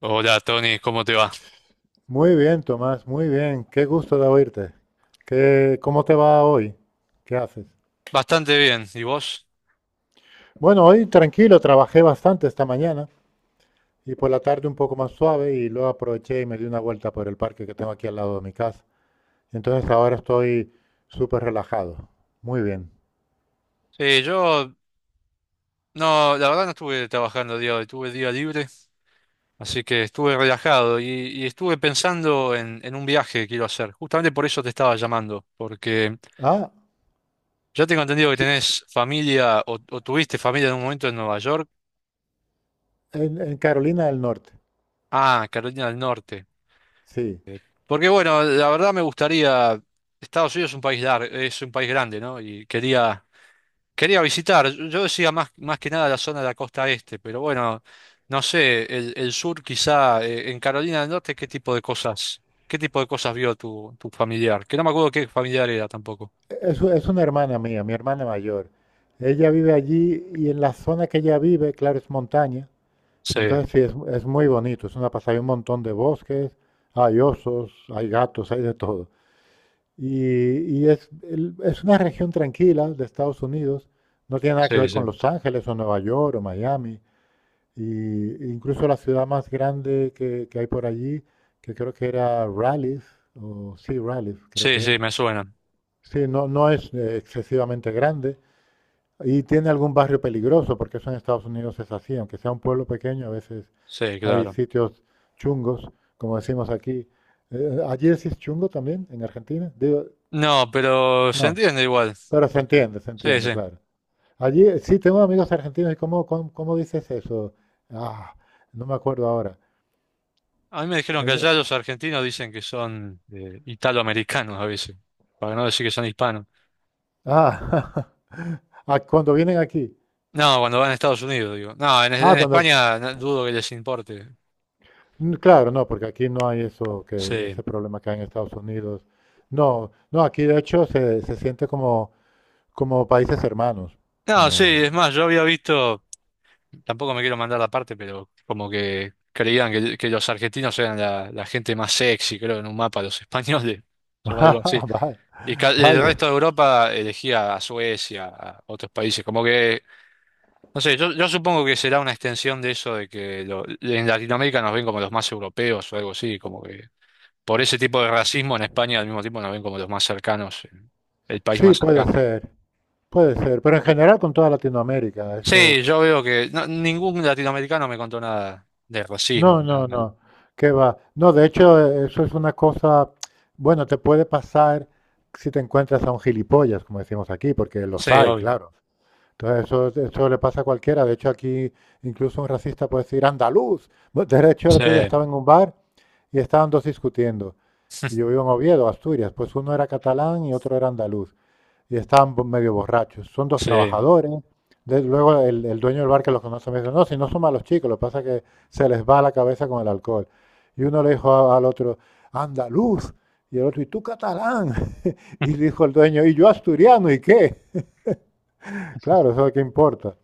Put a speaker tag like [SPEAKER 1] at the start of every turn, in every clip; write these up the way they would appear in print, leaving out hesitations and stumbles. [SPEAKER 1] Hola Tony, ¿cómo te va?
[SPEAKER 2] Muy bien, Tomás, muy bien. Qué gusto de oírte. ¿Cómo te va hoy? ¿Qué haces?
[SPEAKER 1] Bastante bien, ¿y vos?
[SPEAKER 2] Bueno, hoy tranquilo, trabajé bastante esta mañana y por la tarde un poco más suave y luego aproveché y me di una vuelta por el parque que tengo aquí al lado de mi casa. Entonces ahora estoy súper relajado. Muy bien.
[SPEAKER 1] Sí, yo no, la verdad no estuve trabajando el día de hoy, tuve día libre, así que estuve relajado y estuve pensando en un viaje que quiero hacer. Justamente por eso te estaba llamando, porque
[SPEAKER 2] Ah,
[SPEAKER 1] ya tengo entendido que
[SPEAKER 2] sí,
[SPEAKER 1] tenés familia o tuviste familia en un momento en Nueva York.
[SPEAKER 2] en Carolina del Norte.
[SPEAKER 1] Ah, Carolina del Norte.
[SPEAKER 2] Sí.
[SPEAKER 1] Porque bueno, la verdad me gustaría, Estados Unidos es un país largo, es un país grande, ¿no? Quería visitar, yo decía más que nada la zona de la costa este, pero bueno, no sé, el sur quizá, en Carolina del Norte, ¿qué tipo de cosas vio tu familiar? Que no me acuerdo qué familiar era tampoco.
[SPEAKER 2] Es una hermana mía, mi hermana mayor. Ella vive allí y en la zona que ella vive, claro, es montaña.
[SPEAKER 1] Sí,
[SPEAKER 2] Entonces sí, es muy bonito, es una pasada, hay un montón de bosques, hay osos, hay gatos, hay de todo. Es una región tranquila de Estados Unidos, no tiene nada que
[SPEAKER 1] sí,
[SPEAKER 2] ver
[SPEAKER 1] sí.
[SPEAKER 2] con Los Ángeles o Nueva York o Miami, y incluso la ciudad más grande que hay por allí, que creo que era Raleigh, o sí, Raleigh, creo
[SPEAKER 1] Sí,
[SPEAKER 2] que
[SPEAKER 1] sí,
[SPEAKER 2] es.
[SPEAKER 1] me suena.
[SPEAKER 2] Sí, no, no es excesivamente grande. ¿Y tiene algún barrio peligroso? Porque eso en Estados Unidos es así, aunque sea un pueblo pequeño, a veces
[SPEAKER 1] Sí,
[SPEAKER 2] hay
[SPEAKER 1] claro.
[SPEAKER 2] sitios chungos, como decimos aquí. ¿Allí decís chungo también en Argentina? Digo,
[SPEAKER 1] No, pero se
[SPEAKER 2] no,
[SPEAKER 1] entiende igual.
[SPEAKER 2] pero
[SPEAKER 1] Porque...
[SPEAKER 2] se
[SPEAKER 1] Sí, sí.
[SPEAKER 2] entiende, claro. Allí, sí, tengo amigos argentinos. ¿Y cómo dices eso? Ah, no me acuerdo ahora.
[SPEAKER 1] A mí me dijeron que
[SPEAKER 2] En-
[SPEAKER 1] allá los argentinos dicen que son italoamericanos a veces, para no decir que son hispanos.
[SPEAKER 2] ah, ah, cuando vienen aquí.
[SPEAKER 1] No, cuando van a Estados Unidos, digo. No, en,
[SPEAKER 2] Ah,
[SPEAKER 1] en
[SPEAKER 2] cuando,
[SPEAKER 1] España no- dudo que les importe.
[SPEAKER 2] mm, claro, no, porque aquí no hay eso que ese
[SPEAKER 1] Sí.
[SPEAKER 2] problema que hay en Estados Unidos. No, no, aquí de hecho se siente como países hermanos,
[SPEAKER 1] No, sí,
[SPEAKER 2] como
[SPEAKER 1] es más, yo había visto, tampoco me quiero mandar la parte, pero como que creían que los argentinos eran la gente más sexy, creo, en un mapa, los españoles, o algo así.
[SPEAKER 2] ah, vaya,
[SPEAKER 1] Y ca- el
[SPEAKER 2] vaya.
[SPEAKER 1] resto de Europa elegía a Suecia, a otros países, como que, no sé, yo supongo que será una extensión de eso de que lo- en Latinoamérica nos ven como los más europeos o algo así, como que... por ese tipo de racismo en España al mismo tiempo nos ven como los más cercanos, el país
[SPEAKER 2] Sí,
[SPEAKER 1] más cercano.
[SPEAKER 2] puede ser, pero en general con toda Latinoamérica, eso,
[SPEAKER 1] Sí, yo veo que no- ningún latinoamericano me contó nada de racismo
[SPEAKER 2] no,
[SPEAKER 1] ni nada
[SPEAKER 2] no,
[SPEAKER 1] malo.
[SPEAKER 2] no, qué va. No, de hecho eso es una cosa, bueno, te puede pasar si te encuentras a un gilipollas, como decimos aquí, porque los
[SPEAKER 1] Sí,
[SPEAKER 2] hay,
[SPEAKER 1] obvio.
[SPEAKER 2] claro. Entonces eso le pasa a cualquiera. De hecho, aquí incluso un racista puede decir andaluz. Bueno, de hecho, el otro día estaba
[SPEAKER 1] Sí,
[SPEAKER 2] en un bar y estaban dos discutiendo. Y yo vivo en Oviedo, Asturias. Pues uno era catalán y otro era andaluz. Y estaban medio borrachos. Son dos
[SPEAKER 1] sí,
[SPEAKER 2] trabajadores. Luego el dueño del bar que los conoce me dice, no, si no son malos chicos, lo que pasa es que se les va la cabeza con el alcohol. Y uno le dijo al otro, andaluz. Y el otro, ¿y tú catalán? Y dijo el dueño, ¿y yo asturiano? ¿Y qué? Claro, eso es lo que importa.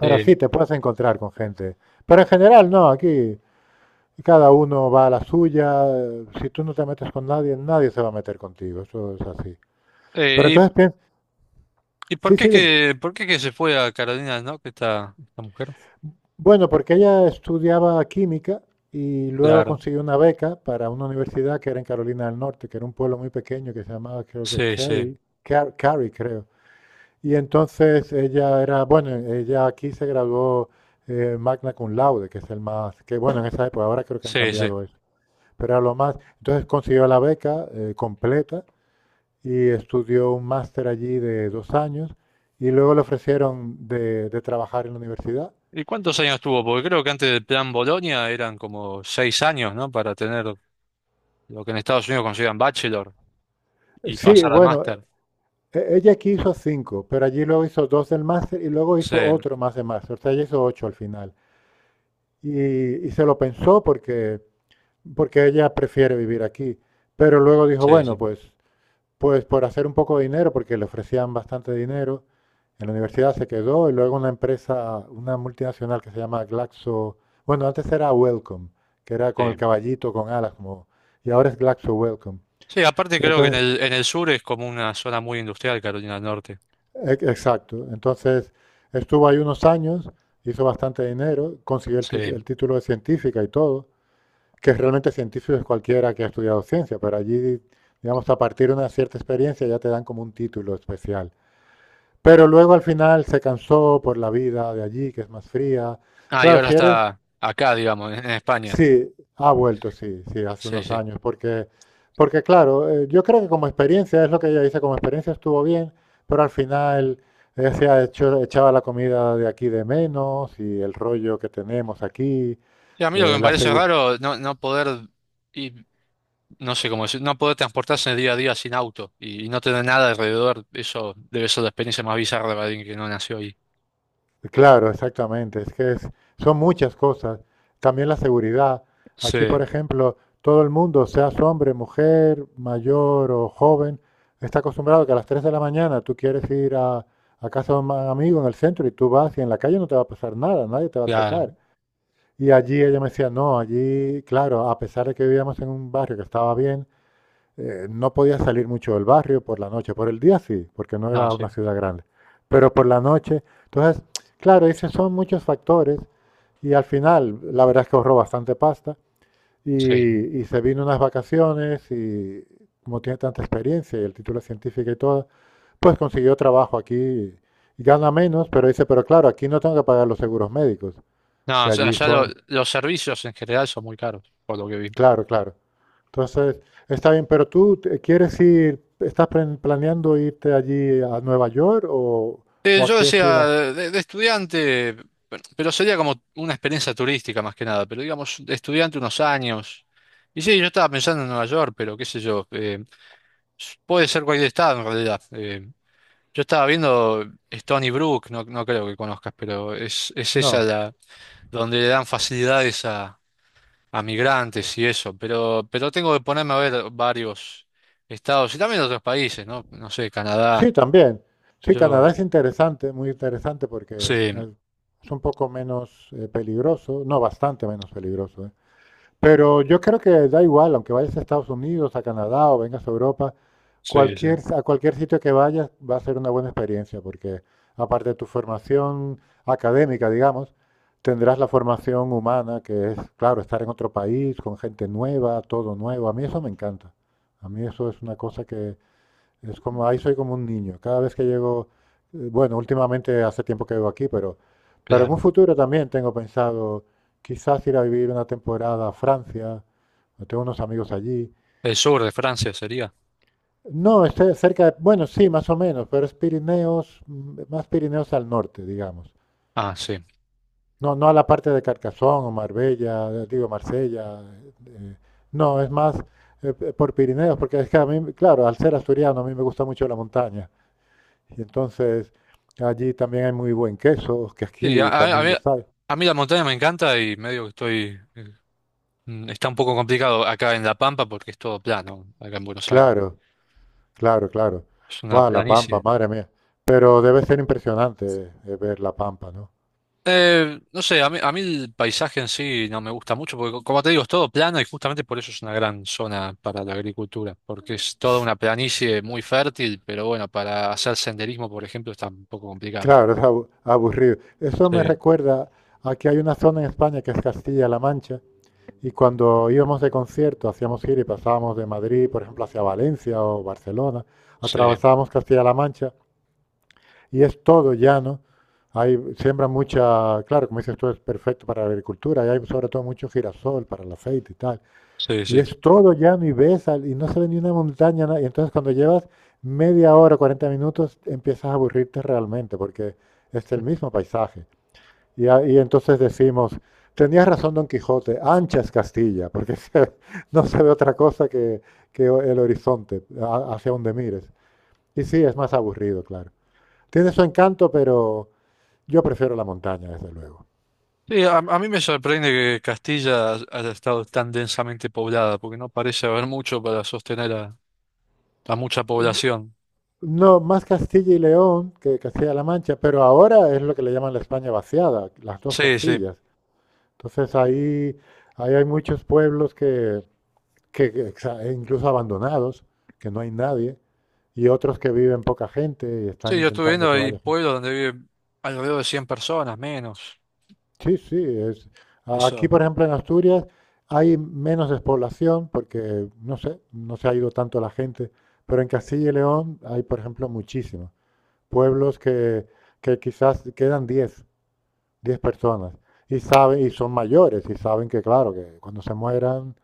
[SPEAKER 2] Pero sí,
[SPEAKER 1] sí.
[SPEAKER 2] te puedes encontrar con gente. Pero en general no, aquí cada uno va a la suya. Si tú no te metes con nadie, nadie se va a meter contigo. Eso es así. Pero
[SPEAKER 1] Eh,
[SPEAKER 2] entonces
[SPEAKER 1] ¿y,
[SPEAKER 2] piensa,
[SPEAKER 1] y por
[SPEAKER 2] sí,
[SPEAKER 1] qué
[SPEAKER 2] sí, dime.
[SPEAKER 1] que, por qué que se fue a Carolina no Norte esta mujer?
[SPEAKER 2] Bueno, porque ella estudiaba química y luego
[SPEAKER 1] Claro.
[SPEAKER 2] consiguió una beca para una universidad que era en Carolina del Norte, que era un pueblo muy pequeño que se llamaba, creo que
[SPEAKER 1] Sí, sí,
[SPEAKER 2] Cary, Cary, creo. Y entonces ella era, bueno, ella aquí se graduó magna cum laude, que es el más, que bueno, en esa época, ahora creo que han
[SPEAKER 1] sí, sí.
[SPEAKER 2] cambiado eso. Pero era lo más. Entonces consiguió la beca completa y estudió un máster allí de 2 años y luego le ofrecieron de trabajar en la universidad.
[SPEAKER 1] ¿Y cuántos años tuvo? Porque creo que antes del plan Bolonia eran como seis años, ¿no? Para tener lo que en Estados Unidos consideran bachelor y
[SPEAKER 2] Sí,
[SPEAKER 1] pasar al
[SPEAKER 2] bueno,
[SPEAKER 1] máster.
[SPEAKER 2] ella aquí hizo cinco, pero allí luego hizo dos del máster y luego
[SPEAKER 1] Sí,
[SPEAKER 2] hizo otro más de máster, o sea, ella hizo ocho al final. Y se lo pensó porque ella prefiere vivir aquí, pero luego dijo,
[SPEAKER 1] sí,
[SPEAKER 2] bueno,
[SPEAKER 1] sí.
[SPEAKER 2] pues por hacer un poco de dinero, porque le ofrecían bastante dinero. En la universidad se quedó y luego una empresa, una multinacional que se llama Glaxo, bueno, antes era Wellcome, que era con el
[SPEAKER 1] Sí.
[SPEAKER 2] caballito, con alas, como, y ahora es Glaxo Wellcome.
[SPEAKER 1] Sí, aparte
[SPEAKER 2] Y
[SPEAKER 1] creo que en
[SPEAKER 2] entonces,
[SPEAKER 1] el sur es como una zona muy industrial, Carolina del Norte.
[SPEAKER 2] exacto, entonces estuvo ahí unos años, hizo bastante dinero, consiguió el, ti-
[SPEAKER 1] Sí.
[SPEAKER 2] el título de científica y todo, que realmente científico es cualquiera que ha estudiado ciencia, pero allí, digamos, a partir de una cierta experiencia ya te dan como un título especial. Pero luego al final se cansó por la vida de allí, que es más fría.
[SPEAKER 1] Ah, y
[SPEAKER 2] Claro,
[SPEAKER 1] ahora
[SPEAKER 2] si eres,
[SPEAKER 1] está acá, digamos, en España.
[SPEAKER 2] sí, ha vuelto, sí, sí, hace
[SPEAKER 1] Sí,
[SPEAKER 2] unos
[SPEAKER 1] sí.
[SPEAKER 2] años, porque claro, yo creo que como experiencia, es lo que ella dice, como experiencia estuvo bien, pero al final ella se ha hecho, echaba la comida de aquí de menos y el rollo que tenemos aquí,
[SPEAKER 1] Sí, a mí
[SPEAKER 2] que
[SPEAKER 1] lo que me
[SPEAKER 2] la,
[SPEAKER 1] parece
[SPEAKER 2] segu-
[SPEAKER 1] raro, ir, no sé cómo decir, no poder transportarse en el día a día sin auto y no tener nada alrededor, eso debe ser la experiencia más bizarra para alguien que no nació ahí.
[SPEAKER 2] claro, exactamente. Es que son muchas cosas. También la seguridad.
[SPEAKER 1] Sí,
[SPEAKER 2] Aquí, por ejemplo, todo el mundo, seas hombre, mujer, mayor o joven, está acostumbrado que a las 3 de la mañana tú quieres ir a casa de un amigo en el centro y tú vas y en la calle no te va a pasar nada, nadie te va a
[SPEAKER 1] claro.
[SPEAKER 2] atracar. Y allí ella me decía, no, allí, claro, a pesar de que vivíamos en un barrio que estaba bien, no podía salir mucho del barrio por la noche. Por el día sí, porque no
[SPEAKER 1] No,
[SPEAKER 2] era
[SPEAKER 1] sí,
[SPEAKER 2] una ciudad grande. Pero por la noche, entonces, claro, dice, son muchos factores y al final, la verdad es que ahorró bastante pasta y,
[SPEAKER 1] sí.
[SPEAKER 2] y se vino unas vacaciones y como tiene tanta experiencia y el título científico y todo, pues consiguió trabajo aquí y gana menos, pero dice, pero claro, aquí no tengo que pagar los seguros médicos,
[SPEAKER 1] No,
[SPEAKER 2] que
[SPEAKER 1] o sea,
[SPEAKER 2] allí
[SPEAKER 1] allá lo-
[SPEAKER 2] son,
[SPEAKER 1] los servicios en general son muy caros, por lo que vi.
[SPEAKER 2] claro, claro. Entonces, está bien, pero tú quieres ir, estás planeando irte allí a Nueva York o, o ¿a
[SPEAKER 1] Yo
[SPEAKER 2] qué
[SPEAKER 1] decía,
[SPEAKER 2] ciudad?
[SPEAKER 1] de estudiante, pero sería como una experiencia turística más que nada, pero digamos, de estudiante unos años. Y sí, yo estaba pensando en Nueva York, pero qué sé yo, s- puede ser cualquier estado en realidad. Yo estaba viendo Stony Brook, no, no creo que conozcas, pero es esa
[SPEAKER 2] No.
[SPEAKER 1] la, donde le dan facilidades a migrantes y eso, pero tengo que ponerme a ver varios estados y también otros países, ¿no? No sé, Canadá,
[SPEAKER 2] Sí, también. Sí,
[SPEAKER 1] yo,
[SPEAKER 2] Canadá es interesante, muy interesante porque
[SPEAKER 1] sí,
[SPEAKER 2] eh, es un poco menos peligroso, no, bastante menos peligroso, ¿eh? Pero yo creo que da igual, aunque vayas a Estados Unidos, a Canadá o vengas a Europa,
[SPEAKER 1] sí, sí,
[SPEAKER 2] a cualquier sitio que vayas va a ser una buena experiencia, porque aparte de tu formación académica, digamos, tendrás la formación humana, que es, claro, estar en otro país, con gente nueva, todo nuevo. A mí eso me encanta. A mí eso es una cosa que, es como, ahí soy como un niño. Cada vez que llego, bueno, últimamente hace tiempo que vivo aquí, pero en un
[SPEAKER 1] claro.
[SPEAKER 2] futuro también tengo pensado quizás ir a vivir una temporada a Francia. Tengo unos amigos allí.
[SPEAKER 1] El sur de Francia sería.
[SPEAKER 2] No, esté cerca de, bueno, sí, más o menos, pero es Pirineos, mm, más Pirineos al norte, digamos.
[SPEAKER 1] Ah, sí.
[SPEAKER 2] No, no a la parte de Carcassonne o Marbella, digo Marsella. eh, no, es más por Pirineos, porque es que a mí, claro, al ser asturiano, a mí me gusta mucho la montaña. Y entonces allí también hay muy buen queso, que
[SPEAKER 1] Sí,
[SPEAKER 2] aquí también lo hay.
[SPEAKER 1] a mí la montaña me encanta y medio que estoy... Está un poco complicado acá en La Pampa porque es todo plano, acá en Buenos Aires.
[SPEAKER 2] Claro, claro, claro.
[SPEAKER 1] Es una
[SPEAKER 2] Guau, la Pampa,
[SPEAKER 1] planicie.
[SPEAKER 2] madre mía. Pero debe ser impresionante ver la Pampa, ¿no?
[SPEAKER 1] No sé, a mí el paisaje en sí no me gusta mucho porque, co- como te digo, es todo plano y justamente por eso es una gran zona para la agricultura, porque es toda una planicie muy fértil, pero bueno, para hacer senderismo, por ejemplo, está un poco complicado.
[SPEAKER 2] Claro, es aburrido. Eso me
[SPEAKER 1] Sí,
[SPEAKER 2] recuerda a que hay una zona en España que es Castilla-La Mancha y cuando íbamos de concierto, hacíamos gira y pasábamos de Madrid, por ejemplo, hacia Valencia o Barcelona,
[SPEAKER 1] sí,
[SPEAKER 2] atravesábamos Castilla-La Mancha. Y es todo llano. Hay, siembra mucha, claro, como dices tú, es perfecto para la agricultura. Y hay sobre todo mucho girasol para el aceite y tal.
[SPEAKER 1] sí,
[SPEAKER 2] Y
[SPEAKER 1] sí.
[SPEAKER 2] es todo llano y ves y no se ve ni una montaña. Y entonces cuando llevas media hora, 40 minutos, empiezas a aburrirte realmente porque es el mismo paisaje. Y entonces decimos, tenías razón Don Quijote, ancha es Castilla, porque no se ve otra cosa que el horizonte, hacia donde mires. Y sí, es más aburrido, claro. Tiene su encanto, pero yo prefiero la montaña, desde luego.
[SPEAKER 1] Sí, a mí me sorprende que Castilla haya estado tan densamente poblada, porque no parece haber mucho para sostener a mucha población.
[SPEAKER 2] No, más Castilla y León que Castilla-La Mancha, pero ahora es lo que le llaman la España vaciada, las dos
[SPEAKER 1] Sí, sí.
[SPEAKER 2] Castillas. Entonces ahí hay muchos pueblos que incluso abandonados, que no hay nadie, y otros que viven poca gente y
[SPEAKER 1] Sí,
[SPEAKER 2] están
[SPEAKER 1] yo estuve
[SPEAKER 2] intentando
[SPEAKER 1] viendo,
[SPEAKER 2] que
[SPEAKER 1] hay
[SPEAKER 2] vaya gente.
[SPEAKER 1] pueblos donde viven alrededor de 100 personas, menos.
[SPEAKER 2] Sí, sí, aquí
[SPEAKER 1] Eso,
[SPEAKER 2] por ejemplo en Asturias hay menos despoblación porque, no sé, no se ha ido tanto la gente, pero en Castilla y León hay por ejemplo muchísimo pueblos que quizás quedan 10 personas y saben, y son mayores y saben que, claro, que cuando se mueran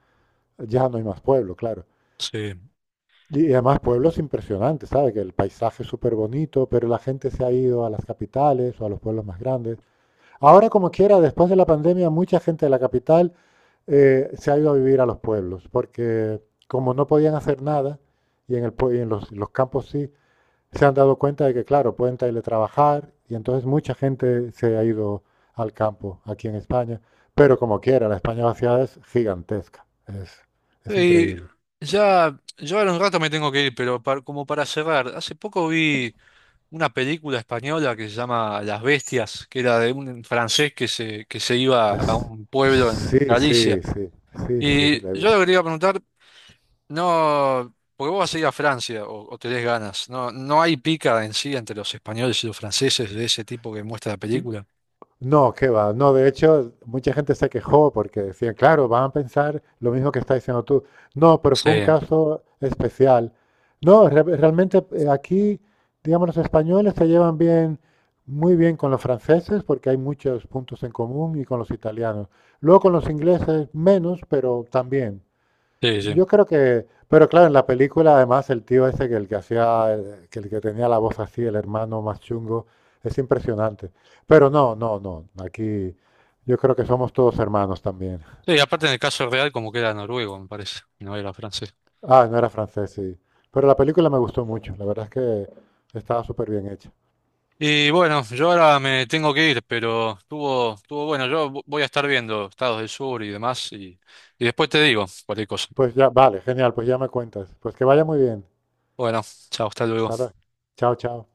[SPEAKER 2] ya no hay más pueblo, claro.
[SPEAKER 1] sí.
[SPEAKER 2] Y además pueblos impresionantes, ¿sabes? Que el paisaje es súper bonito, pero la gente se ha ido a las capitales o a los pueblos más grandes. Ahora, como quiera, después de la pandemia, mucha gente de la capital se ha ido a vivir a los pueblos, porque como no podían hacer nada, y en los campos sí, se han dado cuenta de que, claro, pueden teletrabajar y entonces mucha gente se ha ido al campo aquí en España. Pero como quiera, la España vaciada es gigantesca. Es
[SPEAKER 1] Y
[SPEAKER 2] increíble.
[SPEAKER 1] ya, yo ahora un rato me tengo que ir, pero par- como para cerrar, hace poco vi una película española que se llama Las Bestias, que era de un francés que se iba a un pueblo
[SPEAKER 2] Sí,
[SPEAKER 1] en
[SPEAKER 2] sí,
[SPEAKER 1] Galicia.
[SPEAKER 2] sí, sí, sí,
[SPEAKER 1] Y
[SPEAKER 2] la he
[SPEAKER 1] yo le
[SPEAKER 2] visto.
[SPEAKER 1] quería preguntar... No, porque vos vas a ir a Francia o tenés ganas. No, no hay pica en sí entre los españoles y los franceses de ese tipo que muestra la película.
[SPEAKER 2] No, qué va. No, de hecho, mucha gente se quejó porque decían, claro, van a pensar lo mismo que está diciendo tú. No, pero
[SPEAKER 1] Sí,
[SPEAKER 2] fue un caso especial. No, realmente aquí, digamos, los españoles se llevan bien, muy bien con los franceses porque hay muchos puntos en común y con los italianos. Luego con los ingleses menos, pero también.
[SPEAKER 1] sí, sí.
[SPEAKER 2] Yo creo que, pero claro, en la película además el tío ese que el que hacía, que el que tenía la voz así, el hermano más chungo, es impresionante. Pero no, no, no, aquí yo creo que somos todos hermanos también.
[SPEAKER 1] Sí, aparte en el caso real como que era noruego, me parece, y no era francés.
[SPEAKER 2] Ah, no era francés, sí. Pero la película me gustó mucho, la verdad es que estaba súper bien hecha.
[SPEAKER 1] Y bueno, yo ahora me tengo que ir, pero estuvo bueno. Yo vo- voy a estar viendo Estados del Sur y demás y después te digo cualquier cosa.
[SPEAKER 2] Pues ya, vale, genial, pues ya me cuentas. Pues que vaya muy bien.
[SPEAKER 1] Bueno, chao, hasta luego.
[SPEAKER 2] Hasta ahora. Chao, chao.